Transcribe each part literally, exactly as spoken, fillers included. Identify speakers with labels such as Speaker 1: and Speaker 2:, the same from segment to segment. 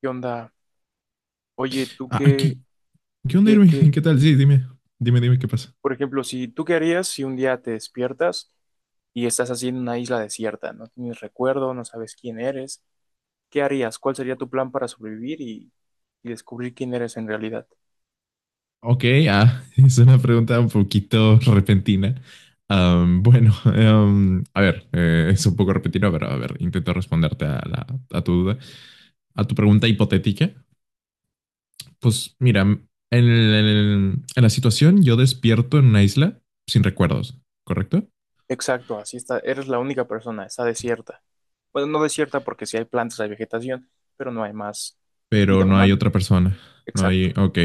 Speaker 1: ¿Qué onda? Oye, ¿tú
Speaker 2: Ah,
Speaker 1: qué,
Speaker 2: ¿qué, Qué onda,
Speaker 1: qué,
Speaker 2: Irving?
Speaker 1: qué?
Speaker 2: ¿Qué tal? Sí, dime, dime, dime qué pasa.
Speaker 1: Por ejemplo, si ¿tú qué harías si un día te despiertas y estás así en una isla desierta, no tienes recuerdo, no sabes quién eres? ¿Qué harías? ¿Cuál sería tu plan para sobrevivir y, y descubrir quién eres en realidad?
Speaker 2: Ok, ah, es una pregunta un poquito repentina. Am, bueno, em, a ver, eh, es un poco repentino, pero a ver, intento responderte a, la- a tu duda, a tu pregunta hipotética. Pues mira, en, el- en el- en la situación yo despierto en una isla sin recuerdos, ¿correcto?
Speaker 1: Exacto, así está, eres la única persona, está desierta. Bueno, no desierta porque sí hay plantas, hay vegetación, pero no hay más
Speaker 2: Pero
Speaker 1: vida
Speaker 2: no hay
Speaker 1: humana.
Speaker 2: otra persona, no
Speaker 1: Exacto,
Speaker 2: hay, ok.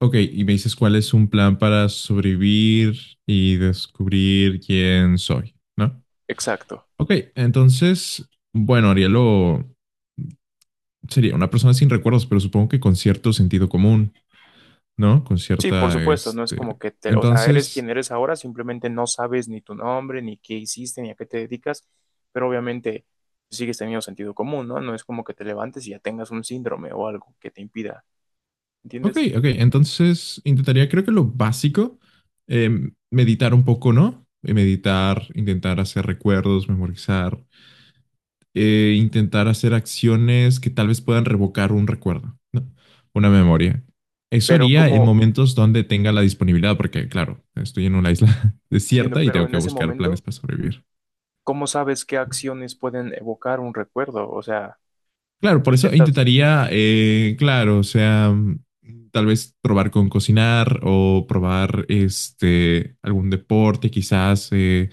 Speaker 2: Ok, y me dices cuál es un plan para sobrevivir y descubrir quién soy, ¿no?
Speaker 1: exacto.
Speaker 2: Ok, entonces, bueno, Arielo sería una persona sin recuerdos, pero supongo que con cierto sentido común, ¿no? Con
Speaker 1: Sí, por
Speaker 2: cierta,
Speaker 1: supuesto, no es como
Speaker 2: este...
Speaker 1: que te, o sea, eres
Speaker 2: Entonces,
Speaker 1: quien eres ahora, simplemente no sabes ni tu nombre, ni qué hiciste, ni a qué te dedicas, pero obviamente sigues teniendo sentido común, ¿no? No es como que te levantes y ya tengas un síndrome o algo que te impida,
Speaker 2: ok,
Speaker 1: ¿entiendes?
Speaker 2: ok, entonces intentaría, creo que lo básico, eh, meditar un poco, ¿no? Eh, Meditar, intentar hacer recuerdos, memorizar, eh, intentar hacer acciones que tal vez puedan revocar un recuerdo, ¿no? Una memoria. Eso
Speaker 1: Pero
Speaker 2: haría en
Speaker 1: como,
Speaker 2: momentos donde tenga la disponibilidad, porque claro, estoy en una isla
Speaker 1: entiendo,
Speaker 2: desierta y
Speaker 1: pero
Speaker 2: tengo
Speaker 1: en
Speaker 2: que
Speaker 1: ese
Speaker 2: buscar planes
Speaker 1: momento,
Speaker 2: para sobrevivir.
Speaker 1: ¿cómo sabes qué acciones pueden evocar un recuerdo? O sea,
Speaker 2: Claro, por eso
Speaker 1: intentas,
Speaker 2: intentaría, eh, claro, o sea, mm, tal vez probar con cocinar o probar este algún deporte, quizás eh,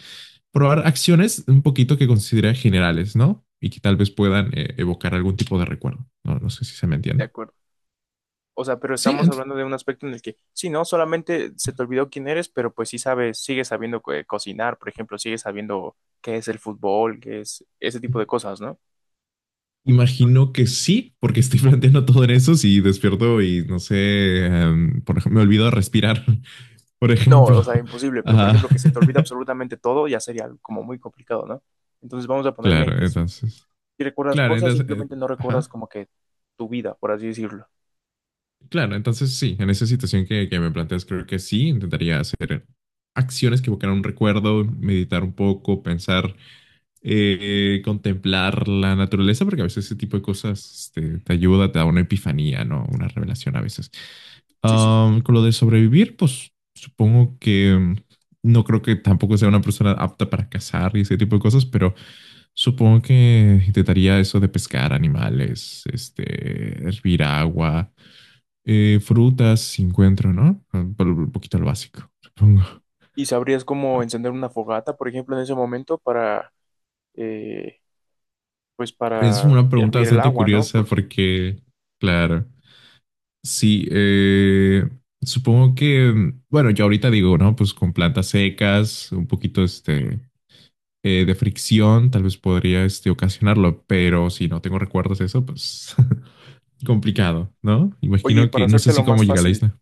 Speaker 2: probar acciones un poquito que considera generales, ¿no? Y que tal vez puedan eh, evocar algún tipo de recuerdo. No, no sé si se me
Speaker 1: de
Speaker 2: entiende.
Speaker 1: acuerdo. O sea, pero
Speaker 2: Sí,
Speaker 1: estamos
Speaker 2: ent-
Speaker 1: hablando de un aspecto en el que, sí, no, solamente se te olvidó quién eres, pero pues sí sabes, sigues sabiendo co- eh, cocinar, por ejemplo, sigues sabiendo qué es el fútbol, qué es ese tipo de cosas, ¿no?
Speaker 2: imagino que sí, porque estoy planteando todo en eso si despierto y no sé, em, por ejemplo, me olvido de respirar, por
Speaker 1: No,
Speaker 2: ejemplo.
Speaker 1: o sea, imposible, pero por
Speaker 2: Ah,
Speaker 1: ejemplo, que se te olvida absolutamente todo, ya sería algo como muy complicado, ¿no? Entonces vamos a ponerle
Speaker 2: claro,
Speaker 1: en que sí,
Speaker 2: entonces.
Speaker 1: si recuerdas
Speaker 2: Claro,
Speaker 1: cosas,
Speaker 2: entonces, eh,
Speaker 1: simplemente no recuerdas
Speaker 2: ajá.
Speaker 1: como que tu vida, por así decirlo.
Speaker 2: Claro, entonces sí, en esa situación que, que me planteas, creo que sí, intentaría hacer acciones que evocaran un recuerdo, meditar un poco, pensar eh, contemplar la naturaleza, porque a veces ese tipo de cosas este, te ayuda, te da una epifanía, ¿no? Una revelación a veces.
Speaker 1: Sí, sí, sí.
Speaker 2: Ah, con lo de sobrevivir, pues supongo que mm, no creo que tampoco sea una persona apta para cazar y ese tipo de cosas, pero supongo que intentaría eso de pescar animales, este, hervir agua, eh, frutas, si encuentro, ¿no? Un po- un poquito lo básico, supongo.
Speaker 1: ¿Y sabrías cómo
Speaker 2: Ah,
Speaker 1: encender una fogata, por ejemplo, en ese momento para, eh, pues
Speaker 2: es
Speaker 1: para
Speaker 2: una pregunta
Speaker 1: hervir el
Speaker 2: bastante
Speaker 1: agua, ¿no?
Speaker 2: curiosa
Speaker 1: Porque...
Speaker 2: porque, claro. Sí, eh, supongo que, bueno, yo ahorita digo, ¿no? Pues con plantas secas, un poquito este, eh, de fricción, tal vez podría este, ocasionarlo, pero si no tengo recuerdos de eso, pues complicado, ¿no?
Speaker 1: Oye, y
Speaker 2: Imagino
Speaker 1: para
Speaker 2: que, no sé
Speaker 1: hacértelo
Speaker 2: si cómo
Speaker 1: más
Speaker 2: llega a la
Speaker 1: fácil,
Speaker 2: isla.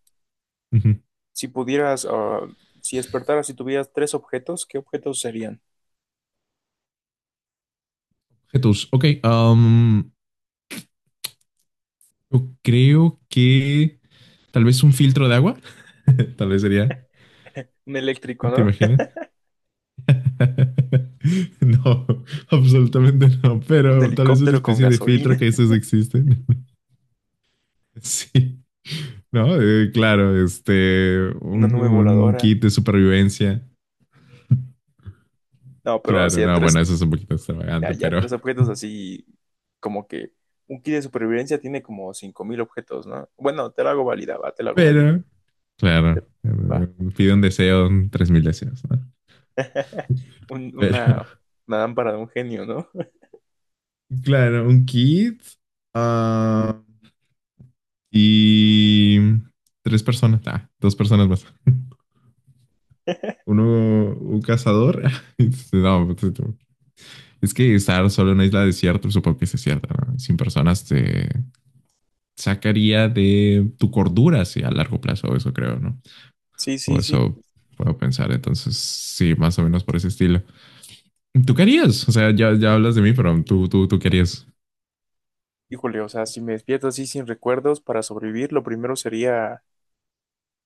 Speaker 2: Ujú.
Speaker 1: si pudieras, ah, si despertaras y tuvieras tres objetos, ¿qué objetos serían?
Speaker 2: Jesús, ok, am, yo creo que tal vez un filtro de agua, tal vez sería,
Speaker 1: Un eléctrico,
Speaker 2: ¿te
Speaker 1: ¿no?
Speaker 2: imaginas? No, absolutamente no,
Speaker 1: Un
Speaker 2: pero tal vez una
Speaker 1: helicóptero con
Speaker 2: especie de filtro que
Speaker 1: gasolina,
Speaker 2: esos existen. Sí, no, Eh, claro, este,
Speaker 1: una
Speaker 2: un,
Speaker 1: nube
Speaker 2: un
Speaker 1: voladora.
Speaker 2: kit de supervivencia.
Speaker 1: No, pero
Speaker 2: Claro,
Speaker 1: así a
Speaker 2: no, bueno,
Speaker 1: tres,
Speaker 2: eso es un poquito
Speaker 1: ya,
Speaker 2: extravagante,
Speaker 1: ya
Speaker 2: pero,
Speaker 1: tres objetos así como que un kit de supervivencia tiene como cinco mil objetos, ¿no? Bueno, te la hago válida, va, te la hago válida.
Speaker 2: pero, claro,
Speaker 1: Pero,
Speaker 2: eh,
Speaker 1: va.
Speaker 2: pide un deseo, un- tres mil deseos, ¿no?
Speaker 1: Un-
Speaker 2: Pero,
Speaker 1: una, una lámpara de un genio, ¿no?
Speaker 2: claro, un kit ah, y tres personas, ah, dos personas más. Uno, un cazador. No, pues, es que estar solo en una isla desierta, supongo que sí es desierta, ¿no? Sin personas te sacaría de tu cordura, sí, a largo plazo, eso creo, ¿no?
Speaker 1: Sí,
Speaker 2: O
Speaker 1: sí, sí.
Speaker 2: eso puedo pensar, entonces sí, más o menos por ese estilo. ¿Tú querías? O sea, ya, ya hablas de mí, pero tú, tú, tú querías.
Speaker 1: Híjole, o sea, si me despierto así sin recuerdos para sobrevivir, lo primero sería,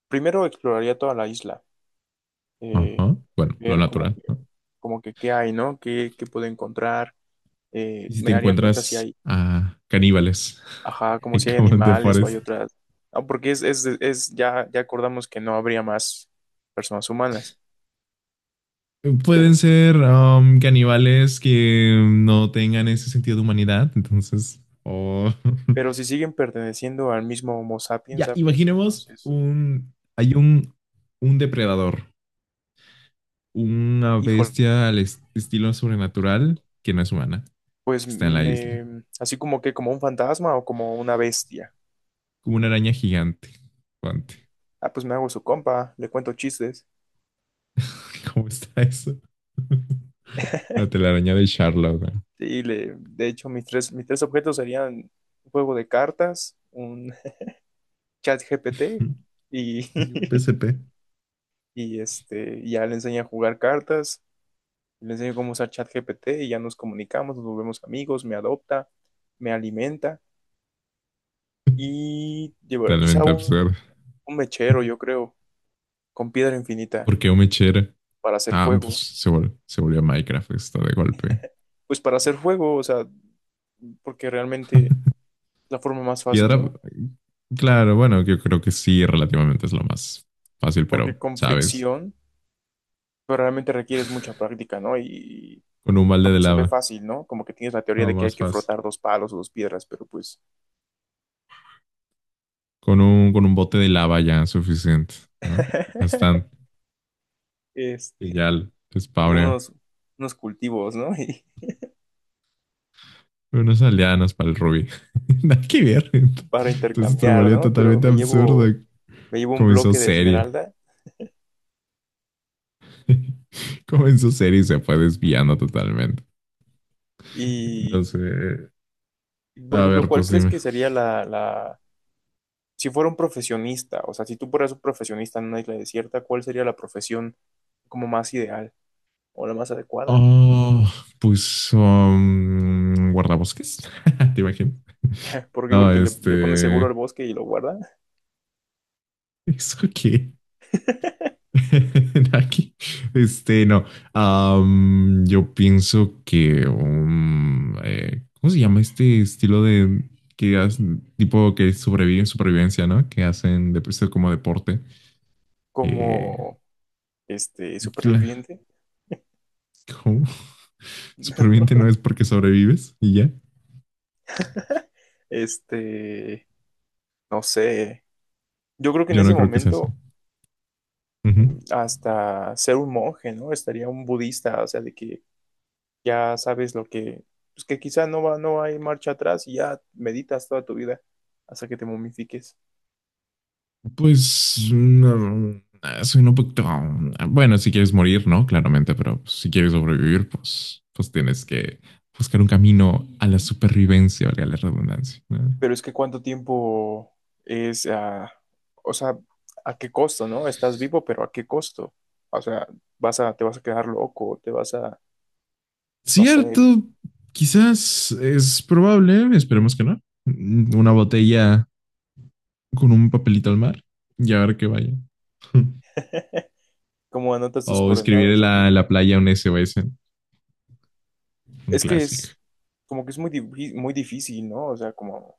Speaker 1: primero exploraría toda la isla. Eh,
Speaker 2: Ajá. Bueno, lo
Speaker 1: ver como
Speaker 2: natural,
Speaker 1: que,
Speaker 2: ¿no?
Speaker 1: como que qué hay, ¿no? ¿Qué, qué puedo encontrar? Eh,
Speaker 2: Y si
Speaker 1: me
Speaker 2: te
Speaker 1: daría cuenta si
Speaker 2: encuentras
Speaker 1: hay,
Speaker 2: a caníbales,
Speaker 1: ajá, como si hay
Speaker 2: como en The
Speaker 1: animales o hay
Speaker 2: Forest.
Speaker 1: otras. Ah, porque es, es, es, ya, ya acordamos que no habría más personas humanas,
Speaker 2: Pueden
Speaker 1: pero,
Speaker 2: ser um, caníbales que no tengan ese sentido de humanidad, entonces, o oh.
Speaker 1: pero si siguen perteneciendo al mismo Homo sapiens
Speaker 2: Ya,
Speaker 1: sapiens,
Speaker 2: imaginemos
Speaker 1: entonces,
Speaker 2: un, hay un, un depredador, una
Speaker 1: hijo,
Speaker 2: bestia al est- estilo sobrenatural que no es humana,
Speaker 1: pues
Speaker 2: que está en la isla,
Speaker 1: me, así como que como un fantasma o como una bestia.
Speaker 2: como una araña gigante. Guante.
Speaker 1: Ah, pues me hago su compa, le cuento chistes.
Speaker 2: ¿Cómo está eso? La telaraña de Charlotte.
Speaker 1: Y le, de hecho, mis tres, mis tres objetos serían un juego de cartas, un ChatGPT
Speaker 2: ¿No?
Speaker 1: y,
Speaker 2: Y un P S P.
Speaker 1: y este, ya le enseña a jugar cartas, le enseño cómo usar ChatGPT y ya nos comunicamos, nos volvemos amigos, me adopta, me alimenta y llevo quizá
Speaker 2: Totalmente
Speaker 1: un,
Speaker 2: absurdo.
Speaker 1: un mechero, yo creo, con piedra infinita
Speaker 2: ¿Por qué un mechero?
Speaker 1: para hacer
Speaker 2: Ah, pues
Speaker 1: fuego.
Speaker 2: se, vol- se volvió Minecraft esto de golpe.
Speaker 1: Pues para hacer fuego, o sea, porque realmente es la forma más fácil,
Speaker 2: Piedra,
Speaker 1: ¿no?
Speaker 2: claro, bueno, yo creo que sí, relativamente es lo más fácil,
Speaker 1: Porque
Speaker 2: pero,
Speaker 1: con
Speaker 2: ¿sabes?
Speaker 1: fricción, pero realmente requieres mucha práctica, ¿no? Y,
Speaker 2: Con un
Speaker 1: por
Speaker 2: balde de
Speaker 1: ejemplo, se ve
Speaker 2: lava.
Speaker 1: fácil, ¿no? Como que tienes la teoría
Speaker 2: No,
Speaker 1: de que hay
Speaker 2: más
Speaker 1: que
Speaker 2: fácil.
Speaker 1: frotar dos palos o dos piedras, pero pues...
Speaker 2: Con un, con un bote de lava ya es suficiente, ¿no? Bastante. Y ya
Speaker 1: Este,
Speaker 2: l-
Speaker 1: y
Speaker 2: Spawné
Speaker 1: unos, unos cultivos, ¿no? Y
Speaker 2: unas aldeanas para el ruby. Nada que ver.
Speaker 1: para
Speaker 2: Entonces se
Speaker 1: intercambiar,
Speaker 2: volvió
Speaker 1: ¿no? Pero
Speaker 2: totalmente
Speaker 1: me
Speaker 2: absurdo.
Speaker 1: llevo, me llevo un
Speaker 2: Comenzó
Speaker 1: bloque de
Speaker 2: serio.
Speaker 1: esmeralda
Speaker 2: Comenzó serio y se fue desviando totalmente.
Speaker 1: y,
Speaker 2: No sé.
Speaker 1: por
Speaker 2: A
Speaker 1: ejemplo,
Speaker 2: ver,
Speaker 1: ¿cuál
Speaker 2: pues
Speaker 1: crees
Speaker 2: dime.
Speaker 1: que sería la, la, si fuera un profesionista, o sea, si tú fueras un profesionista en una isla desierta, ¿cuál sería la profesión como más ideal o la más adecuada?
Speaker 2: Oh, pues um, guardabosques. ¿Te imaginas?
Speaker 1: ¿Por qué?
Speaker 2: No,
Speaker 1: Porque le, le pones seguro al
Speaker 2: este.
Speaker 1: bosque y lo guarda
Speaker 2: ¿Eso qué? Aquí, este, no. Am, yo pienso que, um, eh, ¿cómo se llama este estilo de que hacen- tipo que sobreviven supervivencia, ¿no? Que hacen de esto como deporte. Eh,
Speaker 1: como, este,
Speaker 2: y cla-
Speaker 1: superviviente,
Speaker 2: ¿cómo?
Speaker 1: ¿no?
Speaker 2: Superviviente no es porque sobrevives y ya.
Speaker 1: Este, no sé. Yo creo que en
Speaker 2: Yo
Speaker 1: ese
Speaker 2: no creo que se hace.
Speaker 1: momento hasta ser un monje, ¿no? Estaría un budista, o sea, de que ya sabes lo que, pues que quizá no va, no hay marcha atrás y ya meditas toda tu vida hasta que te momifiques.
Speaker 2: Pues no, ah, soy un poquito... Ah, bueno, si quieres morir, ¿no? Claramente, pero pues, si quieres sobrevivir, pues, pues tienes que buscar un camino a la supervivencia, valga la redundancia, ¿no?
Speaker 1: Pero es que cuánto tiempo es, ah, o sea, a qué costo, ¿no? Estás vivo, pero a qué costo. O sea, vas a, te vas a quedar loco, te vas a, no sé,
Speaker 2: Cierto, quizás es probable, esperemos que no. Una botella con un papelito al mar y a ver qué vaya.
Speaker 1: cómo anotas tus
Speaker 2: O escribir
Speaker 1: coordenadas,
Speaker 2: en
Speaker 1: ¿ok?
Speaker 2: la, la playa un S O S, un
Speaker 1: Es que
Speaker 2: clásico.
Speaker 1: es como que es muy, di- muy difícil, ¿no? O sea, como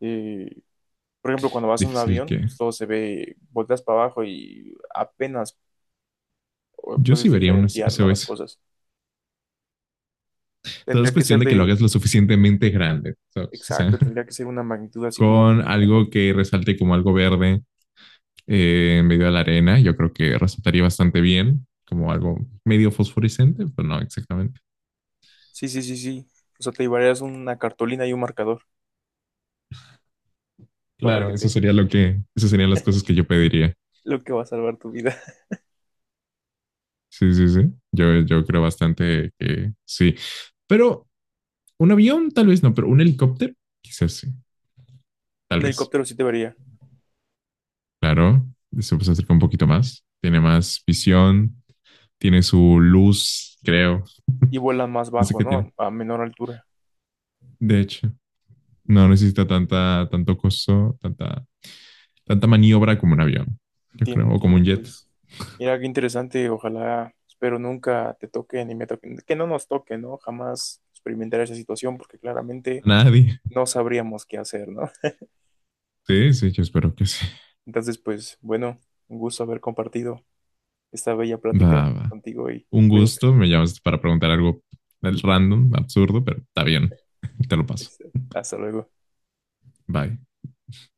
Speaker 1: eh, por ejemplo, cuando vas en un
Speaker 2: Difícil
Speaker 1: avión,
Speaker 2: que...
Speaker 1: pues todo se ve, volteas para abajo y apenas
Speaker 2: Yo sí
Speaker 1: puedes
Speaker 2: vería un
Speaker 1: diferenciar, ¿no? Las
Speaker 2: S O S.
Speaker 1: cosas.
Speaker 2: Todo es
Speaker 1: Tendría que
Speaker 2: cuestión
Speaker 1: ser
Speaker 2: de que lo
Speaker 1: de,
Speaker 2: hagas lo suficientemente grande, ¿sabes? O sea,
Speaker 1: exacto, tendría que ser una magnitud así como
Speaker 2: con
Speaker 1: muy
Speaker 2: algo
Speaker 1: grandota.
Speaker 2: que resalte como algo verde eh, en medio de la arena, yo creo que resaltaría bastante bien, como algo medio fosforescente, pero no exactamente.
Speaker 1: Sí, sí, sí, sí. O sea, te llevarías una cartulina y un marcador para
Speaker 2: Claro,
Speaker 1: que
Speaker 2: eso
Speaker 1: te,
Speaker 2: sería lo que, esas serían las cosas que yo pediría.
Speaker 1: lo que va a salvar tu vida.
Speaker 2: Sí, sí, sí. Yo, yo creo bastante que sí. Pero un avión, tal vez no, pero un helicóptero, quizás sí, tal
Speaker 1: Un
Speaker 2: vez.
Speaker 1: helicóptero sí te vería.
Speaker 2: Claro, se puede acercar un poquito más. Tiene más visión, tiene su luz, creo.
Speaker 1: Y vuelan más
Speaker 2: No sé
Speaker 1: bajo,
Speaker 2: qué tiene.
Speaker 1: ¿no? A menor altura.
Speaker 2: De hecho, no necesita tanta, tanto costo, tanta, tanta maniobra como un avión, yo
Speaker 1: Entiendo,
Speaker 2: creo, o como un
Speaker 1: entiendo,
Speaker 2: jet.
Speaker 1: pues. Mira qué interesante, ojalá, espero nunca te toque ni me toquen, que no nos toque, ¿no? Jamás experimentar esa situación porque claramente
Speaker 2: A nadie.
Speaker 1: no sabríamos qué hacer, ¿no?
Speaker 2: Sí, sí, yo espero que sí.
Speaker 1: Entonces, pues bueno, un gusto haber compartido esta bella
Speaker 2: Va,
Speaker 1: plática
Speaker 2: va.
Speaker 1: contigo y
Speaker 2: Un
Speaker 1: cuídate.
Speaker 2: gusto, me llamas para preguntar algo random, absurdo, pero está bien. Te lo paso.
Speaker 1: Este, hasta luego.
Speaker 2: Bye.